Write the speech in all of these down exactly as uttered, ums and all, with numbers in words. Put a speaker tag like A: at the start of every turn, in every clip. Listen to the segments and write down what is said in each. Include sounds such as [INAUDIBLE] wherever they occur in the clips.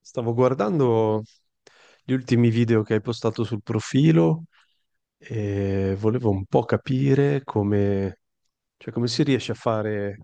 A: Stavo guardando gli ultimi video che hai postato sul profilo e volevo un po' capire come, cioè come si riesce a fare,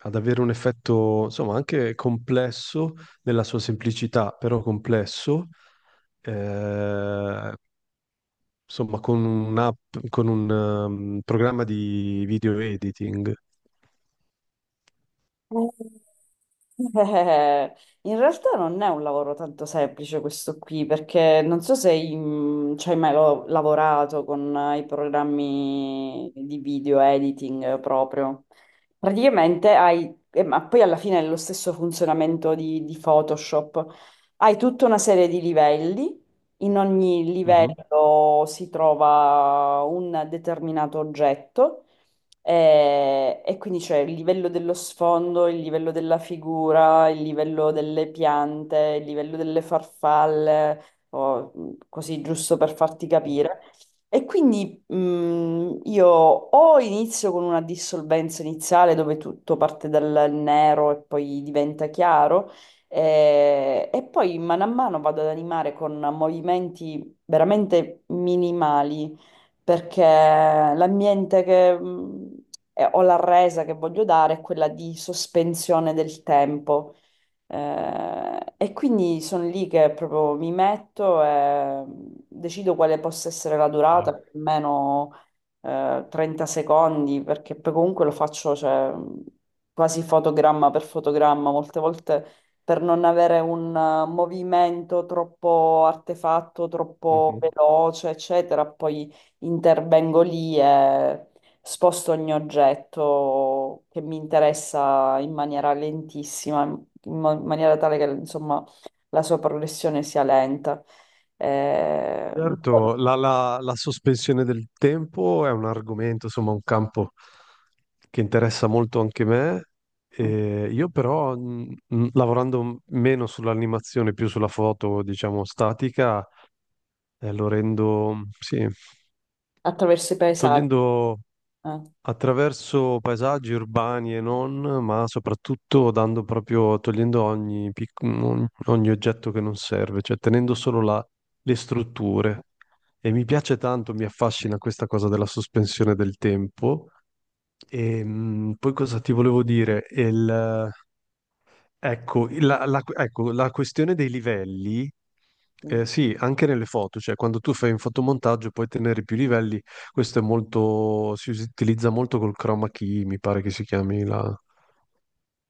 A: ad avere un effetto, insomma, anche complesso nella sua semplicità, però complesso, eh, insomma, con un'app, con un um, programma di video editing.
B: Eh, [LAUGHS] in realtà non è un lavoro tanto semplice questo qui, perché non so se hai mm, ci hai mai lo- lavorato con eh, i programmi di video editing eh, proprio. Praticamente hai, eh, ma poi alla fine è lo stesso funzionamento di, di Photoshop, hai tutta una serie di livelli, in ogni
A: Mhm.
B: livello si trova un determinato oggetto eh, e, quindi c'è il livello dello sfondo, il livello della figura, il livello delle piante, il livello delle farfalle, o, mh, così giusto per farti capire. E quindi mh, io o inizio con una dissolvenza iniziale dove tutto parte dal nero e poi diventa chiaro. Eh, E, poi mano a mano vado ad animare con movimenti veramente minimali, perché l'ambiente che mh, eh, ho la resa che voglio dare è quella di sospensione del tempo. Eh, e quindi sono lì che proprio mi metto e mm, decido quale possa essere la
A: Ah.
B: durata, più o meno eh, trenta secondi, perché poi comunque lo faccio cioè, mm, quasi fotogramma per fotogramma, molte volte per non avere un eh, movimento troppo artefatto, troppo
A: Mhm.
B: veloce, eccetera, poi intervengo lì e sposto ogni oggetto che mi interessa in maniera lentissima in ma- maniera tale che insomma la sua progressione sia lenta. Eh,
A: Certo, la, la- la sospensione del tempo è un argomento, insomma, un campo che interessa molto anche me. E io però, mh, mh, lavorando m- meno sull'animazione, più sulla foto, diciamo, statica, eh, lo rendo, sì,
B: Attraverso i paesaggi.
A: togliendo
B: eh.
A: attraverso paesaggi urbani e non, ma soprattutto dando proprio, togliendo ogni, pic- ogni- ogni oggetto che non serve, cioè tenendo solo la- le strutture. E mi piace tanto, mi affascina questa cosa della sospensione del tempo. E mh, poi cosa ti volevo dire? Il, Ecco la, la- ecco, la questione dei livelli, eh, sì, anche nelle foto, cioè quando tu fai un fotomontaggio puoi tenere più livelli, questo è molto, si utilizza molto col chroma key, mi pare che si chiami la,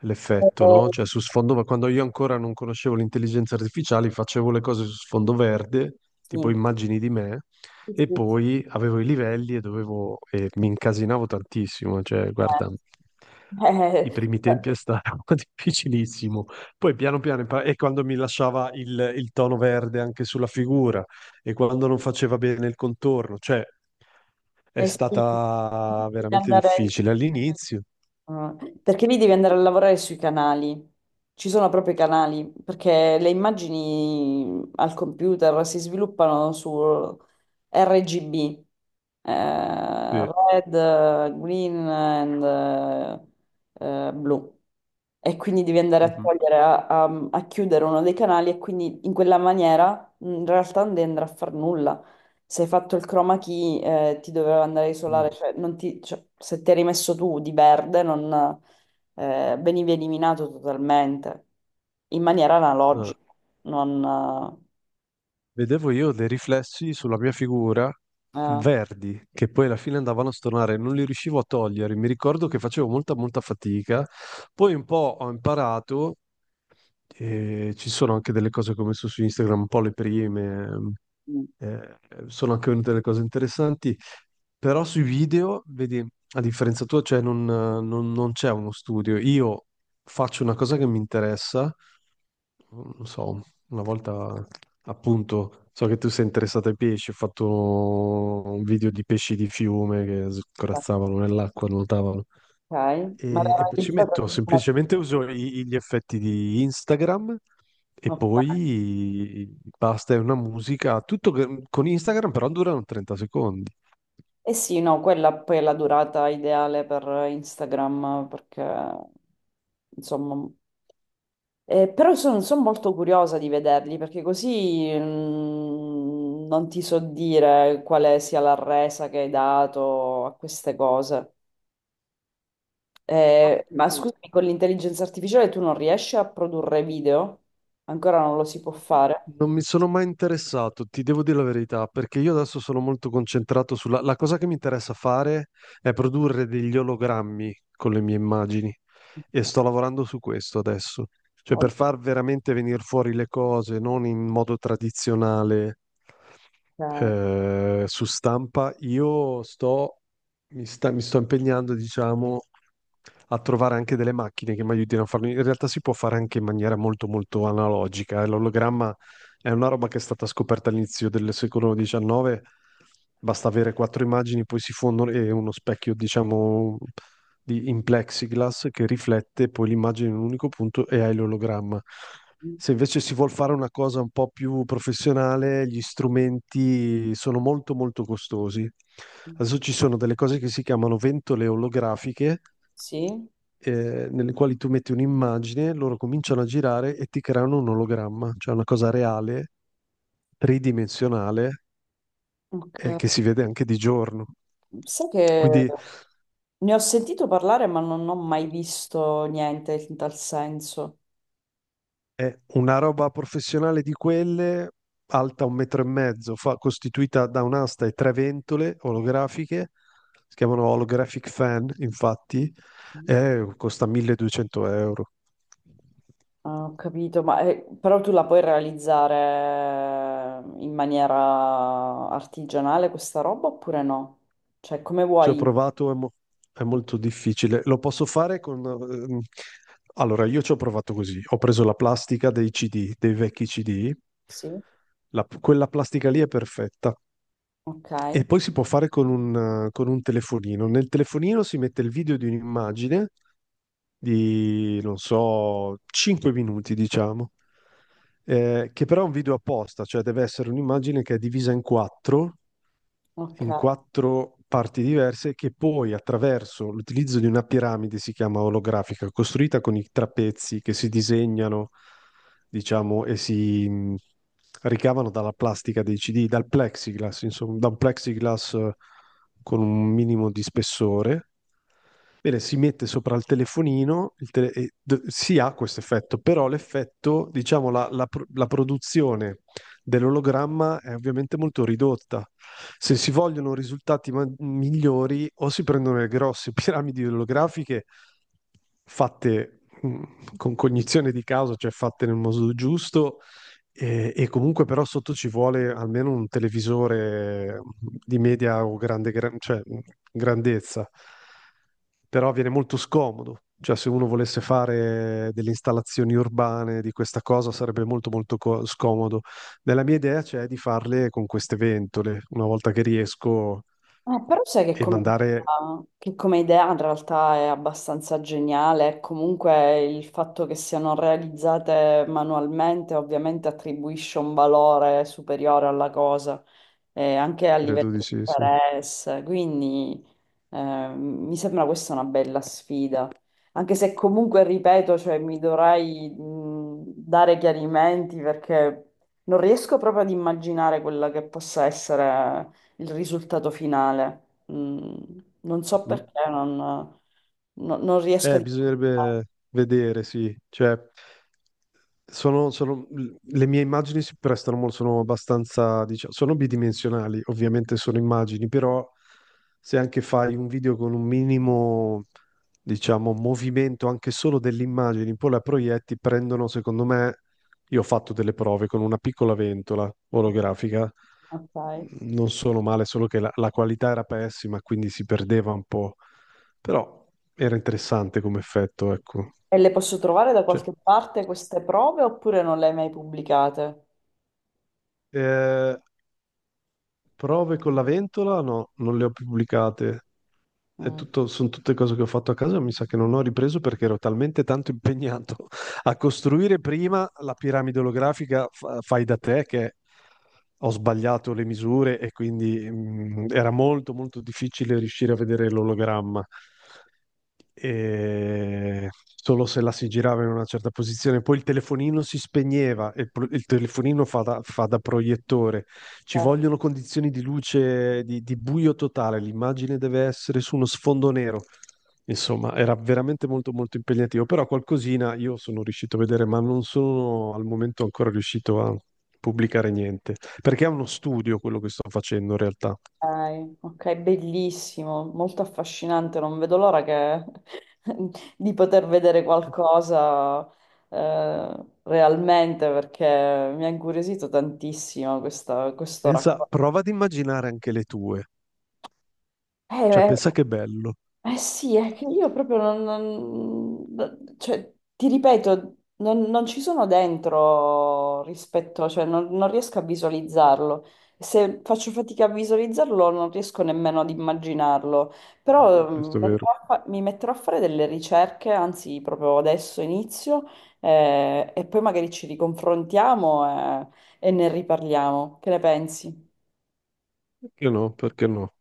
A: l'effetto,
B: Eh,
A: no? Cioè su sfondo, ma quando io ancora non conoscevo l'intelligenza artificiale, facevo le cose su sfondo verde, tipo
B: sì,
A: immagini di me,
B: sì, sì,
A: e
B: sì.
A: poi avevo i livelli e dovevo, e mi incasinavo tantissimo, cioè guarda,
B: Eh,
A: i
B: [LAUGHS]
A: primi
B: eh,
A: tempi è stato [LAUGHS] difficilissimo, poi piano piano, impar- e quando mi lasciava il, il tono verde anche sulla figura, e quando non faceva bene il contorno, cioè è
B: eh, sì.
A: stata
B: Bisogna
A: veramente
B: andare.
A: difficile all'inizio.
B: Ah, perché lì devi andare a lavorare sui canali, ci sono proprio i canali, perché le immagini al computer si sviluppano su R G B, eh,
A: Sì.
B: red, green and eh, eh, blu. E quindi devi andare a
A: Mhm.
B: togliere, a, a- a chiudere uno dei canali e quindi in quella maniera in realtà non devi andare a far nulla se hai fatto il chroma key, eh, ti doveva andare a isolare,
A: Mm.
B: cioè, non ti- cioè, se ti eri messo tu di verde, non, eh, venivi eliminato totalmente, in maniera
A: Ah.
B: analogica, non...
A: Vedevo io dei riflessi sulla mia figura
B: eh, eh,
A: verdi che poi alla fine andavano a stornare, non li riuscivo a togliere. Mi ricordo che facevo molta, molta fatica. Poi un po' ho imparato, e ci sono anche delle cose che ho messo su Instagram, un po' le prime,
B: mm,
A: eh, sono anche venute delle cose interessanti, però sui video, vedi, a differenza tua, cioè non non- non c'è uno studio. Io faccio una cosa che mi interessa non so, una volta appunto, so che tu sei interessato ai pesci, ho fatto un video di pesci di fiume che
B: ok,
A: scorazzavano nell'acqua, nuotavano.
B: ma era
A: E, e poi ci metto
B: realizzato... ma-
A: semplicemente uso i- gli effetti di Instagram e
B: ok.
A: poi basta, è una musica, tutto che- con Instagram però durano trenta secondi.
B: Eh sì, no, quella poi è la durata ideale per Instagram, perché, insomma, Eh, però sono, sono molto curiosa di vederli perché così mm, non ti so dire quale sia la resa che hai dato a queste cose. Eh, ma scusami, con l'intelligenza artificiale tu non riesci a produrre video? Ancora non lo si può fare?
A: Non mi sono mai interessato, ti devo dire la verità, perché io adesso sono molto concentrato sulla... La cosa che mi interessa fare è produrre degli ologrammi con le mie immagini e sto lavorando su questo adesso. Cioè per far veramente venire fuori le cose, non in modo tradizionale
B: Ok.
A: eh, su stampa, io sto, mi sta- mi sto impegnando, diciamo, a trovare anche delle macchine che mi aiutino a farlo. In realtà si può fare anche in maniera molto molto analogica, eh. L'ologramma è una roba che è stata scoperta all'inizio del secolo decimo nono, basta avere quattro immagini, poi si fondono e uno specchio, diciamo, di, in plexiglass che riflette poi l'immagine in un unico punto e hai l'ologramma. Se invece si vuol fare una cosa un po' più professionale, gli strumenti sono molto molto costosi. Adesso ci sono delle cose che si chiamano ventole olografiche,
B: Sì?
A: eh, nelle quali tu metti un'immagine, loro cominciano a girare e ti creano un ologramma, cioè una cosa reale, tridimensionale, eh, che
B: Ok.
A: si vede anche di giorno.
B: Sai che
A: Quindi
B: ne ho sentito parlare ma non ho mai visto niente in tal senso.
A: è una roba professionale di quelle, alta un metro e mezzo, fa- costituita da un'asta e tre ventole olografiche, si chiamano holographic fan, infatti, e costa milleduecento euro.
B: Ah, ho capito, ma eh, però tu la puoi realizzare eh, in maniera artigianale questa roba oppure no? Cioè, come
A: Ci ho
B: vuoi?
A: provato, è, mo- è molto difficile. Lo posso fare con... ehm, Allora, io ci ho provato così. Ho preso la plastica dei C D, dei vecchi C D.
B: Sì,
A: La- quella plastica lì è perfetta.
B: ok,
A: E poi si può fare con un, eh, con un telefonino. Nel telefonino si mette il video di un'immagine di, non so, cinque minuti, diciamo, eh, che però è un video apposta, cioè deve essere un'immagine che è divisa in quattro in
B: ok.
A: quattro parti diverse che poi attraverso l'utilizzo di una piramide, si chiama olografica, costruita con i trapezzi che si disegnano, diciamo, e si mh, ricavano dalla plastica dei C D, dal plexiglass, insomma, da un plexiglass eh, con un minimo di spessore. Bene, si mette sopra il telefonino, il tele- e d- si ha questo effetto, però l'effetto, diciamo, la, la pro- la produzione dell'ologramma è ovviamente molto ridotta. Se si vogliono risultati ma- migliori, o si prendono le grosse [LAUGHS] piramidi olografiche fatte mh, con cognizione di causa, cioè fatte nel modo giusto, e, e comunque però sotto ci vuole almeno un televisore mm, di media o grande, gra- cioè, mm, grandezza, però viene molto scomodo. Cioè, se uno volesse fare delle installazioni urbane di questa cosa sarebbe molto molto co- scomodo. Nella mia idea c'è di farle con queste ventole, una volta che riesco
B: Eh, però sai che
A: e
B: come,
A: mandare,
B: che come idea in realtà è abbastanza geniale, e comunque il fatto che siano realizzate manualmente ovviamente attribuisce un valore superiore alla cosa, eh, anche a
A: credo
B: livello
A: di
B: di
A: sì, sì.
B: interesse, quindi eh, mi sembra questa una bella sfida, anche se comunque, ripeto, cioè, mi dovrei mh, dare chiarimenti perché non riesco proprio ad immaginare quella che possa essere il risultato finale. Mm, Non so
A: Mm.
B: perché, non, no- non riesco a
A: Eh,
B: dimenticarlo.
A: bisognerebbe vedere, sì. Cioè, sono, sono- le mie immagini si prestano molto, sono abbastanza, diciamo, sono bidimensionali, ovviamente sono immagini, però se anche fai un video con un minimo, diciamo, movimento anche solo delle immagini, poi la proietti, prendono, secondo me, io ho fatto delle prove con una piccola ventola olografica,
B: Ok.
A: non sono male, solo che la la qualità era pessima, quindi si perdeva un po'. Però era interessante come effetto, ecco.
B: E le posso trovare da
A: Cioè,
B: qualche parte queste prove oppure non le hai mai pubblicate?
A: eh, prove con la ventola? No, non le ho più pubblicate. È
B: Mm,
A: tutto- sono tutte cose che ho fatto a casa, mi sa che non ho ripreso perché ero talmente tanto impegnato [LAUGHS] a costruire prima la piramide olografica fa- fai da te che ho sbagliato le misure e quindi mm, era molto molto difficile riuscire a vedere l'ologramma. E solo se la si girava in una certa posizione, poi il telefonino si spegneva e il pro- il telefonino fa da, fa da proiettore. Ci
B: ok,
A: vogliono condizioni di luce, di, di buio totale, l'immagine deve essere su uno sfondo nero. Insomma, era veramente molto molto impegnativo, però qualcosina io sono riuscito a vedere, ma non sono al momento ancora riuscito a pubblicare niente, perché è uno studio quello che sto facendo in realtà.
B: ok, bellissimo, molto affascinante, non vedo l'ora che- [LAUGHS] di poter vedere qualcosa eh, realmente perché mi ha incuriosito tantissimo questa- questo
A: Pensa,
B: racconto.
A: prova ad immaginare anche le tue,
B: Eh,
A: cioè
B: eh,
A: pensa che bello.
B: Eh sì, è che io proprio non, non- cioè, ti ripeto, non, non ci sono dentro rispetto, cioè non, non riesco a visualizzarlo. Se faccio fatica a visualizzarlo, non riesco nemmeno ad immaginarlo. Però mm,
A: Questo è vero.
B: metterò a fa- mi metterò a fare delle ricerche, anzi, proprio adesso inizio, eh, e poi magari ci riconfrontiamo, eh, e ne riparliamo. Che ne pensi?
A: Perché no? Perché no?